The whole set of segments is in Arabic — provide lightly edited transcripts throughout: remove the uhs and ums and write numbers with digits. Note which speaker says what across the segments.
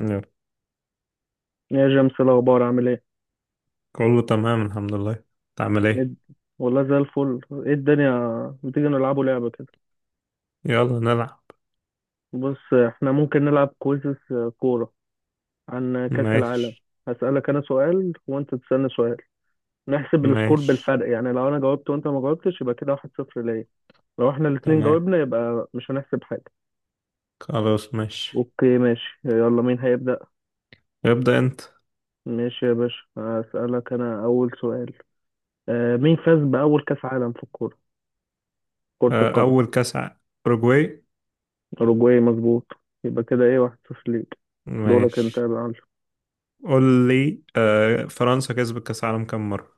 Speaker 1: يلا.
Speaker 2: يا جيمس، إيه الأخبار؟ عامل إيه؟
Speaker 1: كله تمام الحمد لله. تعمل
Speaker 2: إيه
Speaker 1: ايه؟
Speaker 2: الد- والله زي الفل، إيه الدنيا؟ بتيجي نلعبوا لعبة كده.
Speaker 1: يلا نلعب.
Speaker 2: بص، إحنا ممكن نلعب كويزز كورة عن كأس العالم.
Speaker 1: ماشي.
Speaker 2: هسألك أنا سؤال وأنت تسألني سؤال، نحسب السكور
Speaker 1: ماشي.
Speaker 2: بالفرق، يعني لو أنا جاوبت وأنت ما جاوبتش يبقى كده واحد صفر ليا، لو إحنا الاتنين
Speaker 1: تمام.
Speaker 2: جاوبنا يبقى مش هنحسب حاجة.
Speaker 1: خلاص ماشي.
Speaker 2: أوكي ماشي، يلا مين هيبدأ؟
Speaker 1: ابدأ انت.
Speaker 2: ماشي يا باشا، هسألك أنا أول سؤال. مين فاز بأول كأس عالم في الكورة؟ كرة القدم؟
Speaker 1: اول كاس ع- اوروجواي.
Speaker 2: أوروجواي، مظبوط. يبقى كده إيه، واحد صفر ليك. دورك أنت يا
Speaker 1: ماشي.
Speaker 2: معلم.
Speaker 1: قول لي، فرنسا كسبت كاس عالم كم مرة؟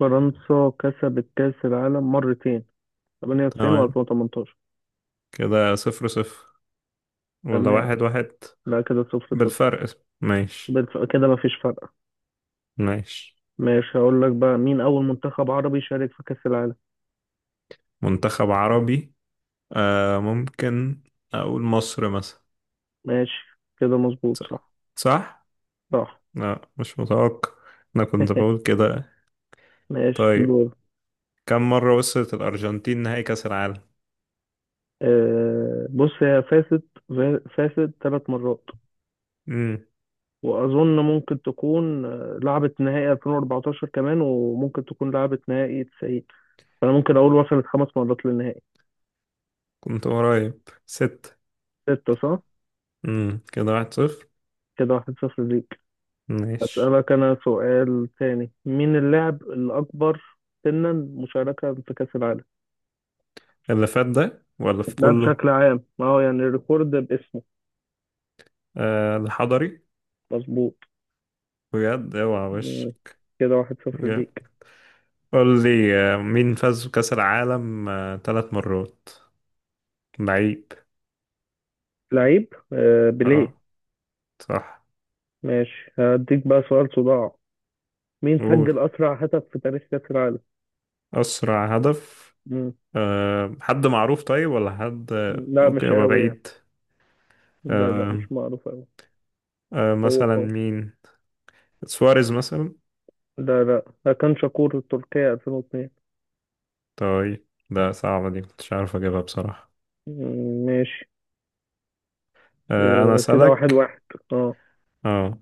Speaker 2: فرنسا كسبت كأس العالم مرتين، 98 و
Speaker 1: تمام.
Speaker 2: 2018.
Speaker 1: كده صفر صفر ولا
Speaker 2: تمام.
Speaker 1: واحد واحد؟
Speaker 2: لا كده صفر صفر.
Speaker 1: بالفرق. ماشي.
Speaker 2: كده مفيش فرق.
Speaker 1: ماشي.
Speaker 2: ماشي، هقول لك بقى مين أول منتخب عربي شارك في كأس العالم.
Speaker 1: منتخب عربي. ممكن اقول مصر مثلا.
Speaker 2: ماشي كده، مظبوط
Speaker 1: ص-
Speaker 2: صح.
Speaker 1: صح؟
Speaker 2: صح.
Speaker 1: لا مش متوقع. انا كنت بقول كده.
Speaker 2: ماشي،
Speaker 1: طيب،
Speaker 2: دور.
Speaker 1: كم مرة وصلت الأرجنتين نهائي كأس العالم؟
Speaker 2: آه بص، هي فازت، فازت ثلاث مرات،
Speaker 1: امم
Speaker 2: وأظن ممكن تكون لعبت نهائي 2014 كمان، وممكن تكون لعبت نهائي تسعين. فأنا ممكن أقول وصلت خمس مرات للنهائي.
Speaker 1: كنت قريب ست.
Speaker 2: ستة صح؟
Speaker 1: كده واحد صفر.
Speaker 2: كده واحد صفر ليك.
Speaker 1: ماشي.
Speaker 2: أسألك أنا سؤال تاني، مين اللاعب الأكبر سنا مشاركة في كأس العالم؟
Speaker 1: اللي فات ده ولا في
Speaker 2: ده
Speaker 1: كله؟
Speaker 2: بشكل عام، ما هو يعني الريكورد باسمه.
Speaker 1: آه، الحضري.
Speaker 2: مظبوط.
Speaker 1: بجد اوعى وش.
Speaker 2: مم. كده واحد صفر ليك.
Speaker 1: جامد. قول لي، مين فاز بكأس العالم ثلاث مرات لعيب؟
Speaker 2: لعيب، آه بيليه.
Speaker 1: اه صح.
Speaker 2: ماشي، هديك بقى سؤال صداع. مين
Speaker 1: قول.
Speaker 2: سجل أسرع هدف في تاريخ كأس العالم؟
Speaker 1: أسرع هدف.
Speaker 2: مم.
Speaker 1: حد معروف طيب، ولا حد
Speaker 2: لا
Speaker 1: ممكن
Speaker 2: مش
Speaker 1: يبقى
Speaker 2: قوي يعني.
Speaker 1: بعيد؟
Speaker 2: لا
Speaker 1: آه.
Speaker 2: مش معروف قوي. أو
Speaker 1: مثلا
Speaker 2: أو
Speaker 1: مين؟ سواريز مثلا.
Speaker 2: لا لا، ده كان شاكور التركية 2002.
Speaker 1: طيب، ده صعبة، دي كنتش عارف أجيبها بصراحة.
Speaker 2: مم، ماشي.
Speaker 1: أنا
Speaker 2: كده واحد
Speaker 1: أسألك.
Speaker 2: واحد. اه.
Speaker 1: اه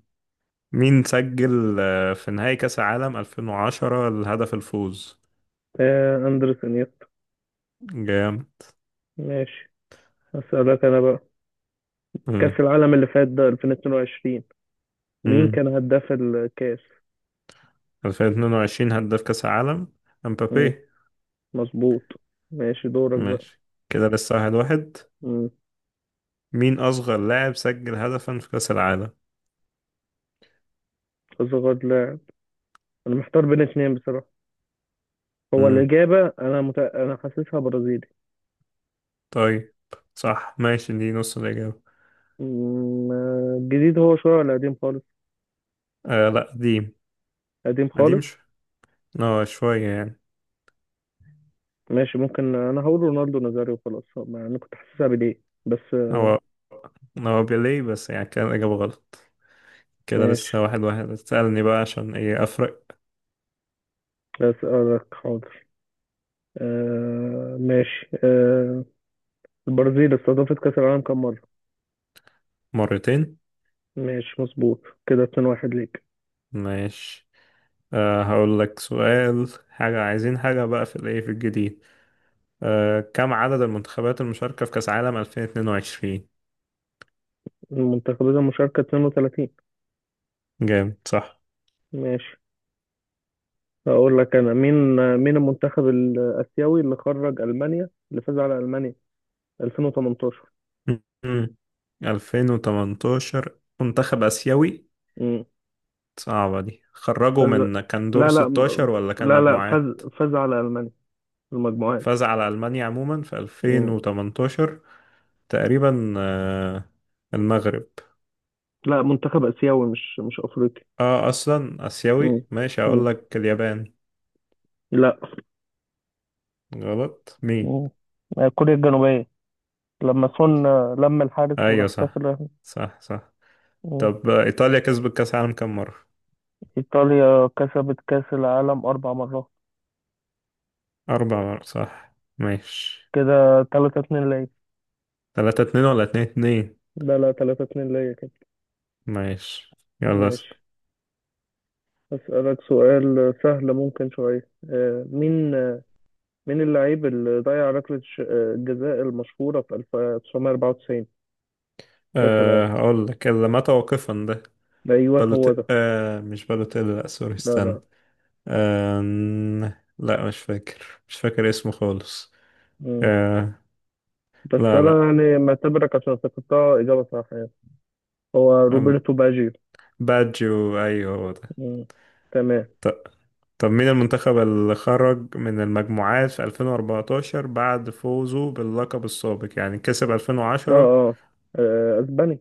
Speaker 1: مين سجل في نهائي كأس العالم 2010 الهدف الفوز؟
Speaker 2: أندرس إنيستا.
Speaker 1: جام.
Speaker 2: ماشي، أسألك أنا بقى.
Speaker 1: مم.
Speaker 2: كأس العالم اللي فات ده 2022، مين
Speaker 1: مم.
Speaker 2: كان هداف الكأس؟
Speaker 1: 2022 هداف كأس العالم؟
Speaker 2: مم،
Speaker 1: امبابي.
Speaker 2: مظبوط. ماشي، دورك بقى.
Speaker 1: ماشي. كده لسه واحد واحد.
Speaker 2: مم،
Speaker 1: مين أصغر لاعب سجل هدفا في كأس العالم؟
Speaker 2: أصغر لاعب، أنا محتار بين اتنين بصراحة. هو
Speaker 1: مم.
Speaker 2: الإجابة أنا مت... أنا حاسسها برازيلي.
Speaker 1: طيب. صح ماشي، دي نص الإجابة.
Speaker 2: مم، الجديد هو شوية ولا قديم خالص؟
Speaker 1: لا قديم.
Speaker 2: قديم
Speaker 1: قديم
Speaker 2: خالص.
Speaker 1: شو... اه شوية يعني.
Speaker 2: ماشي، ممكن أنا هقول رونالدو نازاريو، وخلاص أنا كنت حاسسها بليه. بس آه،
Speaker 1: هو هو بيليه، بس يعني كان الإجابة غلط. كده
Speaker 2: ماشي،
Speaker 1: لسه واحد واحد. تسألني بقى عشان ايه أفرق.
Speaker 2: أسألك حاضر. ماشي, البرازيل استضافت كأس العالم كم مرة؟
Speaker 1: مرتين.
Speaker 2: ماشي مظبوط، كده 2-1 ليك.
Speaker 1: ماشي. هقول لك سؤال، حاجة عايزين حاجة بقى في الايه، في الجديد. أه، كم عدد المنتخبات المشاركة في كأس عالم 2022؟
Speaker 2: المنتخبات المشاركة 32.
Speaker 1: جامد صح.
Speaker 2: ماشي، هقول لك أنا مين. مين المنتخب الآسيوي اللي خرج ألمانيا، اللي فاز على ألمانيا 2018؟
Speaker 1: مم. 2018، منتخب آسيوي.
Speaker 2: امم،
Speaker 1: صعبة دي، خرجوا
Speaker 2: فاز،
Speaker 1: من كان دور
Speaker 2: لا لا م-
Speaker 1: 16 ولا كان
Speaker 2: لا لا، فاز،
Speaker 1: مجموعات؟
Speaker 2: فاز على ألمانيا في المجموعات.
Speaker 1: فاز على ألمانيا عموما في
Speaker 2: امم،
Speaker 1: 2018. تقريبا المغرب.
Speaker 2: لا منتخب آسيوي، مش مش أفريقي.
Speaker 1: اه، اصلا
Speaker 2: امم،
Speaker 1: اسيوي، ماشي
Speaker 2: امم،
Speaker 1: اقول لك اليابان.
Speaker 2: لا،
Speaker 1: غلط. مين؟
Speaker 2: امم، كوريا الجنوبية، لما سون لم الحارس
Speaker 1: ايوه
Speaker 2: وراح
Speaker 1: صح.
Speaker 2: كسر.
Speaker 1: صح. صح.
Speaker 2: مم.
Speaker 1: طب ايطاليا كسبت كاس العالم كام مره؟
Speaker 2: إيطاليا كسبت كأس العالم أربع مرات.
Speaker 1: اربع مرات صح. ماشي.
Speaker 2: كده تلاتة اتنين ليا.
Speaker 1: 3-2 ولا 2-2؟
Speaker 2: لا لا، تلاتة اتنين ليا كده.
Speaker 1: ماشي يلا اسأل.
Speaker 2: ماشي، أسألك سؤال سهل ممكن شوية. مين اللاعب اللي ضيع ركلة الجزاء المشهورة في 1994 كأس العالم؟
Speaker 1: هقول لك اللي مات واقفا ده.
Speaker 2: أيوه هو
Speaker 1: بالوت،
Speaker 2: ده.
Speaker 1: أه مش بالوتيلي. لا سوري،
Speaker 2: لا
Speaker 1: استنى.
Speaker 2: لا.
Speaker 1: أه. لا، مش فاكر، مش فاكر اسمه خالص.
Speaker 2: مم.
Speaker 1: أه.
Speaker 2: بس
Speaker 1: لا
Speaker 2: أنا
Speaker 1: لا.
Speaker 2: يعني معتبرك، عشان افتكرتها إجابة صح يعني. هو
Speaker 1: أم-
Speaker 2: روبرتو باجيو.
Speaker 1: باجيو، ايوه هو
Speaker 2: مم. تمام.
Speaker 1: ده. طب، مين المنتخب اللي خرج من المجموعات في 2014 بعد فوزه باللقب السابق، يعني كسب
Speaker 2: اه
Speaker 1: 2010؟
Speaker 2: اه، اسباني.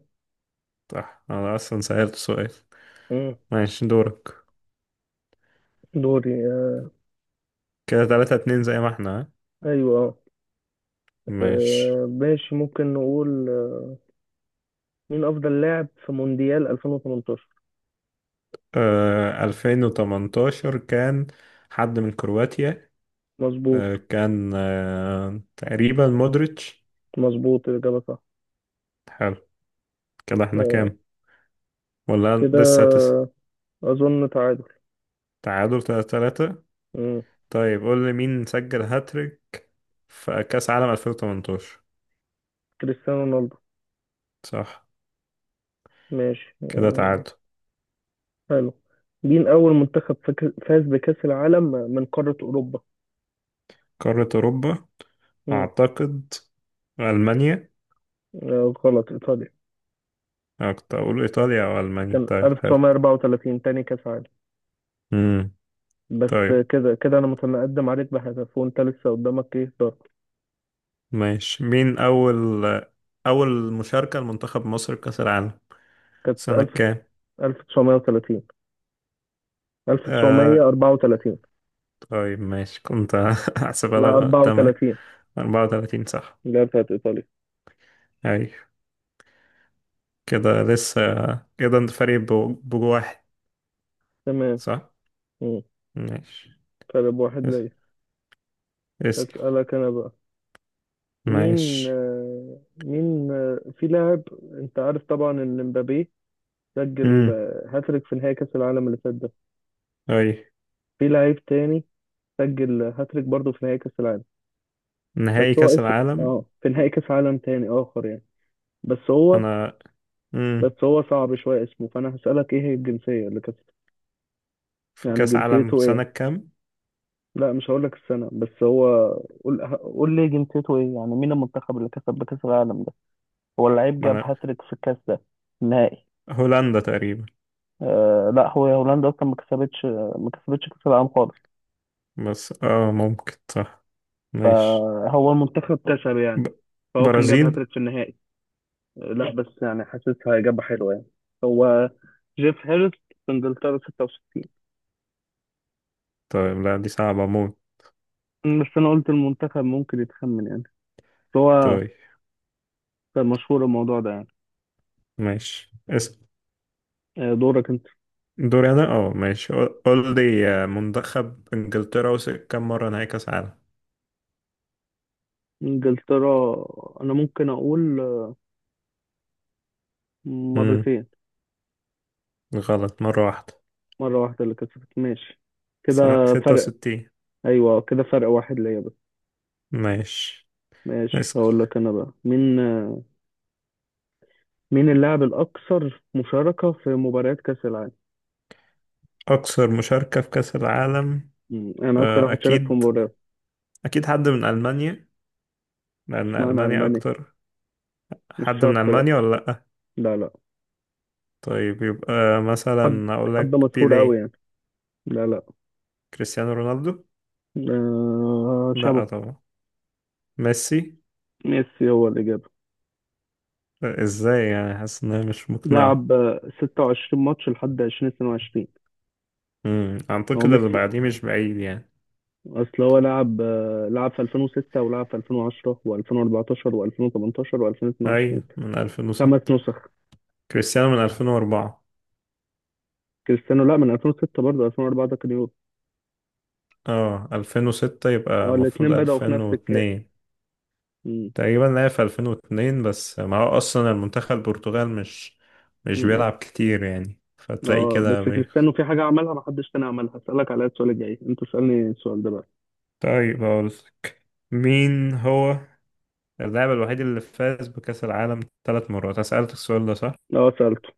Speaker 1: صح، انا اصلا سألت سؤال.
Speaker 2: مم.
Speaker 1: ماشي دورك.
Speaker 2: دوري،
Speaker 1: كده 3-2 زي ما احنا، ها؟
Speaker 2: ايوه.
Speaker 1: ماشي.
Speaker 2: ماشي، ممكن نقول، مين افضل لاعب في مونديال 2018؟
Speaker 1: 2018 كان حد من كرواتيا.
Speaker 2: مظبوط.
Speaker 1: كان تقريبا مودريتش.
Speaker 2: مظبوط، الاجابه صح.
Speaker 1: حلو. كده احنا
Speaker 2: آه،
Speaker 1: كام؟ ولا لسه تسعة؟
Speaker 2: كده اظن تعادل.
Speaker 1: تعادل 3-3.
Speaker 2: مم.
Speaker 1: طيب قول لي، مين سجل هاتريك في كأس عالم 2018؟
Speaker 2: كريستيانو رونالدو.
Speaker 1: صح.
Speaker 2: ماشي،
Speaker 1: كده تعادل.
Speaker 2: حلو. مين اول منتخب فاز بكاس العالم من قاره اوروبا؟
Speaker 1: قارة أوروبا.
Speaker 2: مم.
Speaker 1: أعتقد ألمانيا.
Speaker 2: غلط، ايطاليا.
Speaker 1: أنا كنت أقول إيطاليا أو ألمانيا.
Speaker 2: كان
Speaker 1: طيب حلو.
Speaker 2: 1934، تاني كاس عالم.
Speaker 1: امم.
Speaker 2: بس آه،
Speaker 1: طيب
Speaker 2: كده كده انا متقدم عليك بهدف، وانت لسه قدامك ايه، ضرب.
Speaker 1: ماشي. مين أول مشاركة لمنتخب مصر كأس العالم؟
Speaker 2: كانت
Speaker 1: سنة كام؟
Speaker 2: 1000، 1930،
Speaker 1: آه...
Speaker 2: 1934.
Speaker 1: طيب ماشي، كنت هحسبها
Speaker 2: لا
Speaker 1: لك غلط. تمام.
Speaker 2: 34،
Speaker 1: 34 صح.
Speaker 2: اللي هي بتاعت إيطاليا.
Speaker 1: أيوة. كده لسه. كده أنت فريق بو- بجو واحد.
Speaker 2: تمام.
Speaker 1: صح؟
Speaker 2: مم.
Speaker 1: ماشي.
Speaker 2: فرق بواحد
Speaker 1: اس-
Speaker 2: ليا.
Speaker 1: اسأل.
Speaker 2: أسألك أنا بقى، مين
Speaker 1: ماشي.
Speaker 2: آه، مين آه، في لاعب، أنت عارف طبعا إن مبابي سجل
Speaker 1: امم،
Speaker 2: هاتريك في نهائي كأس العالم اللي فات ده.
Speaker 1: أيوة.
Speaker 2: في لاعب تاني سجل هاتريك برضه في نهائي كأس العالم، بس
Speaker 1: نهائي
Speaker 2: هو
Speaker 1: كأس
Speaker 2: اسمه
Speaker 1: العالم.
Speaker 2: اه في نهائي كأس عالم تاني آخر يعني. بس هو
Speaker 1: أنا. امم.
Speaker 2: بس هو صعب شوية اسمه، فأنا هسألك إيه هي الجنسية اللي كانت،
Speaker 1: في
Speaker 2: يعني
Speaker 1: كأس عالم
Speaker 2: جنسيته
Speaker 1: سنة
Speaker 2: إيه.
Speaker 1: كام؟
Speaker 2: لا مش هقول لك السنة، بس هو قول لي جنسيته ايه، يعني مين المنتخب اللي كسب بكأس العالم ده. هو اللعيب
Speaker 1: ما
Speaker 2: جاب
Speaker 1: أنا.
Speaker 2: هاتريك في الكأس ده، النهائي.
Speaker 1: هولندا تقريبا.
Speaker 2: لا، هو هولندا اصلا ما كسبتش، ما كسبتش كأس العالم خالص.
Speaker 1: بس ممكن صح. ماشي.
Speaker 2: فهو المنتخب كسب يعني،
Speaker 1: ب...
Speaker 2: فهو كان جاب
Speaker 1: برازيل.
Speaker 2: هاتريك في النهائي. لا، بس يعني حاسسها إجابة حلوة يعني. هو جيف هيرس، في انجلترا 66.
Speaker 1: طيب لا، دي صعبة موت.
Speaker 2: بس انا قلت المنتخب ممكن يتخمن يعني، بس هو
Speaker 1: طيب
Speaker 2: كان مشهور الموضوع ده يعني.
Speaker 1: ماشي اس...
Speaker 2: دورك انت.
Speaker 1: دوري أنا. اه ماشي. قول لي، منتخب إنجلترا وصل كام مرة نهائي كأس عالم؟
Speaker 2: انجلترا، انا ممكن اقول
Speaker 1: امم.
Speaker 2: مرتين.
Speaker 1: غلط، مرة واحدة.
Speaker 2: مرة واحدة اللي كسبت، ماشي. كده
Speaker 1: سنة ستة
Speaker 2: فرق،
Speaker 1: وستين
Speaker 2: أيوة كده فرق واحد ليا بس.
Speaker 1: ماشي
Speaker 2: ماشي،
Speaker 1: اسأل.
Speaker 2: هقول لك أنا بقى، مين مين اللاعب الأكثر مشاركة في مباريات كأس العالم؟
Speaker 1: أكثر مشاركة في كأس العالم؟
Speaker 2: مم، أنا أكتر واحد شارك في
Speaker 1: أكيد.
Speaker 2: مباريات.
Speaker 1: أكيد حد من ألمانيا، لأن
Speaker 2: مش معنى
Speaker 1: ألمانيا
Speaker 2: ألماني،
Speaker 1: أكتر.
Speaker 2: مش
Speaker 1: حد من
Speaker 2: شرط، لأ.
Speaker 1: ألمانيا ولا؟
Speaker 2: لا لا،
Speaker 1: طيب يبقى
Speaker 2: حد،
Speaker 1: مثلا اقول
Speaker 2: حد
Speaker 1: لك
Speaker 2: مشهور أوي
Speaker 1: بيليه.
Speaker 2: يعني. لا لا.
Speaker 1: كريستيانو رونالدو.
Speaker 2: آه شابو.
Speaker 1: لا طبعا. ميسي.
Speaker 2: ميسي هو الإجابة.
Speaker 1: لا، ازاي يعني، حاسس انها مش مقنعة.
Speaker 2: لعب 26 ماتش لحد 2022. هو
Speaker 1: اعتقد اللي
Speaker 2: ميسي.
Speaker 1: بعديه مش بعيد يعني.
Speaker 2: اصل هو لعب لعب في 2006، ولعب في 2010 و2014 و2018 و2022.
Speaker 1: اي، من
Speaker 2: خمس
Speaker 1: 2006.
Speaker 2: نسخ.
Speaker 1: كريستيانو من 2004.
Speaker 2: كريستيانو، لا، من 2006 برضه، 2004 ده كان يورو.
Speaker 1: اه 2006 يبقى
Speaker 2: اه
Speaker 1: المفروض
Speaker 2: الاثنين بدأوا في نفس الكاس.
Speaker 1: 2002.
Speaker 2: مم.
Speaker 1: تقريبا لعب في 2002، بس ما هو اصلا المنتخب البرتغال مش
Speaker 2: مم.
Speaker 1: بيلعب كتير يعني، فتلاقي
Speaker 2: اه بس
Speaker 1: كده بيخ...
Speaker 2: كريستيانو في حاجة عملها محدش تاني عملها، هسألك عليها السؤال الجاي، انت اسألني السؤال ده بقى.
Speaker 1: طيب اقول لك، مين هو اللاعب الوحيد اللي فاز بكأس العالم ثلاث مرات؟ أنا سألتك السؤال ده صح؟
Speaker 2: اه سألته.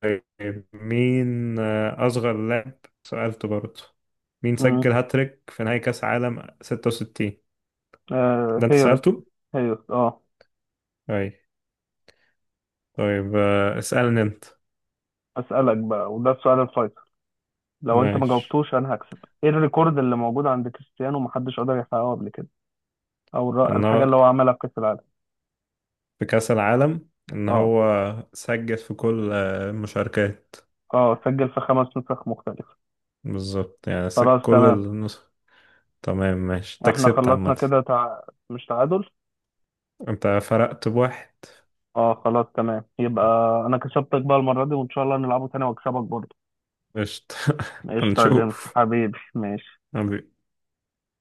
Speaker 1: طيب، مين أصغر لاعب. سألته برضه. مين
Speaker 2: امم،
Speaker 1: سجل هاتريك في نهائي كأس عالم 66؟
Speaker 2: آه
Speaker 1: ده أنت
Speaker 2: هيرس.
Speaker 1: سألته؟
Speaker 2: هيرس، اه.
Speaker 1: أي. طيب، اسألني أنت.
Speaker 2: اسالك بقى، وده السؤال الفيصل، لو انت ما
Speaker 1: ماشي.
Speaker 2: جاوبتوش انا هكسب. ايه الريكورد اللي موجود عند كريستيانو، محدش قدر يحققه قبل كده،
Speaker 1: إن
Speaker 2: الحاجه
Speaker 1: هو،
Speaker 2: اللي هو عملها في كاس العالم؟
Speaker 1: في كأس العالم إن
Speaker 2: اه
Speaker 1: هو سجل في كل المشاركات.
Speaker 2: اه، سجل في خمس نسخ مختلفة.
Speaker 1: بالظبط، يعني سجل
Speaker 2: خلاص
Speaker 1: كل
Speaker 2: تمام.
Speaker 1: النسخ. تمام. ماشي، أنت
Speaker 2: احنا
Speaker 1: كسبت
Speaker 2: خلصنا
Speaker 1: عامة.
Speaker 2: كده، مش تعادل.
Speaker 1: أنت فرقت بواحد.
Speaker 2: اه خلاص تمام، يبقى انا كسبتك بقى المرة دي، وان شاء الله نلعبه تاني واكسبك برضه.
Speaker 1: قشطة.
Speaker 2: قشطة يا جيمس
Speaker 1: هنشوف.
Speaker 2: حبيبي، ماشي.
Speaker 1: حبيبي.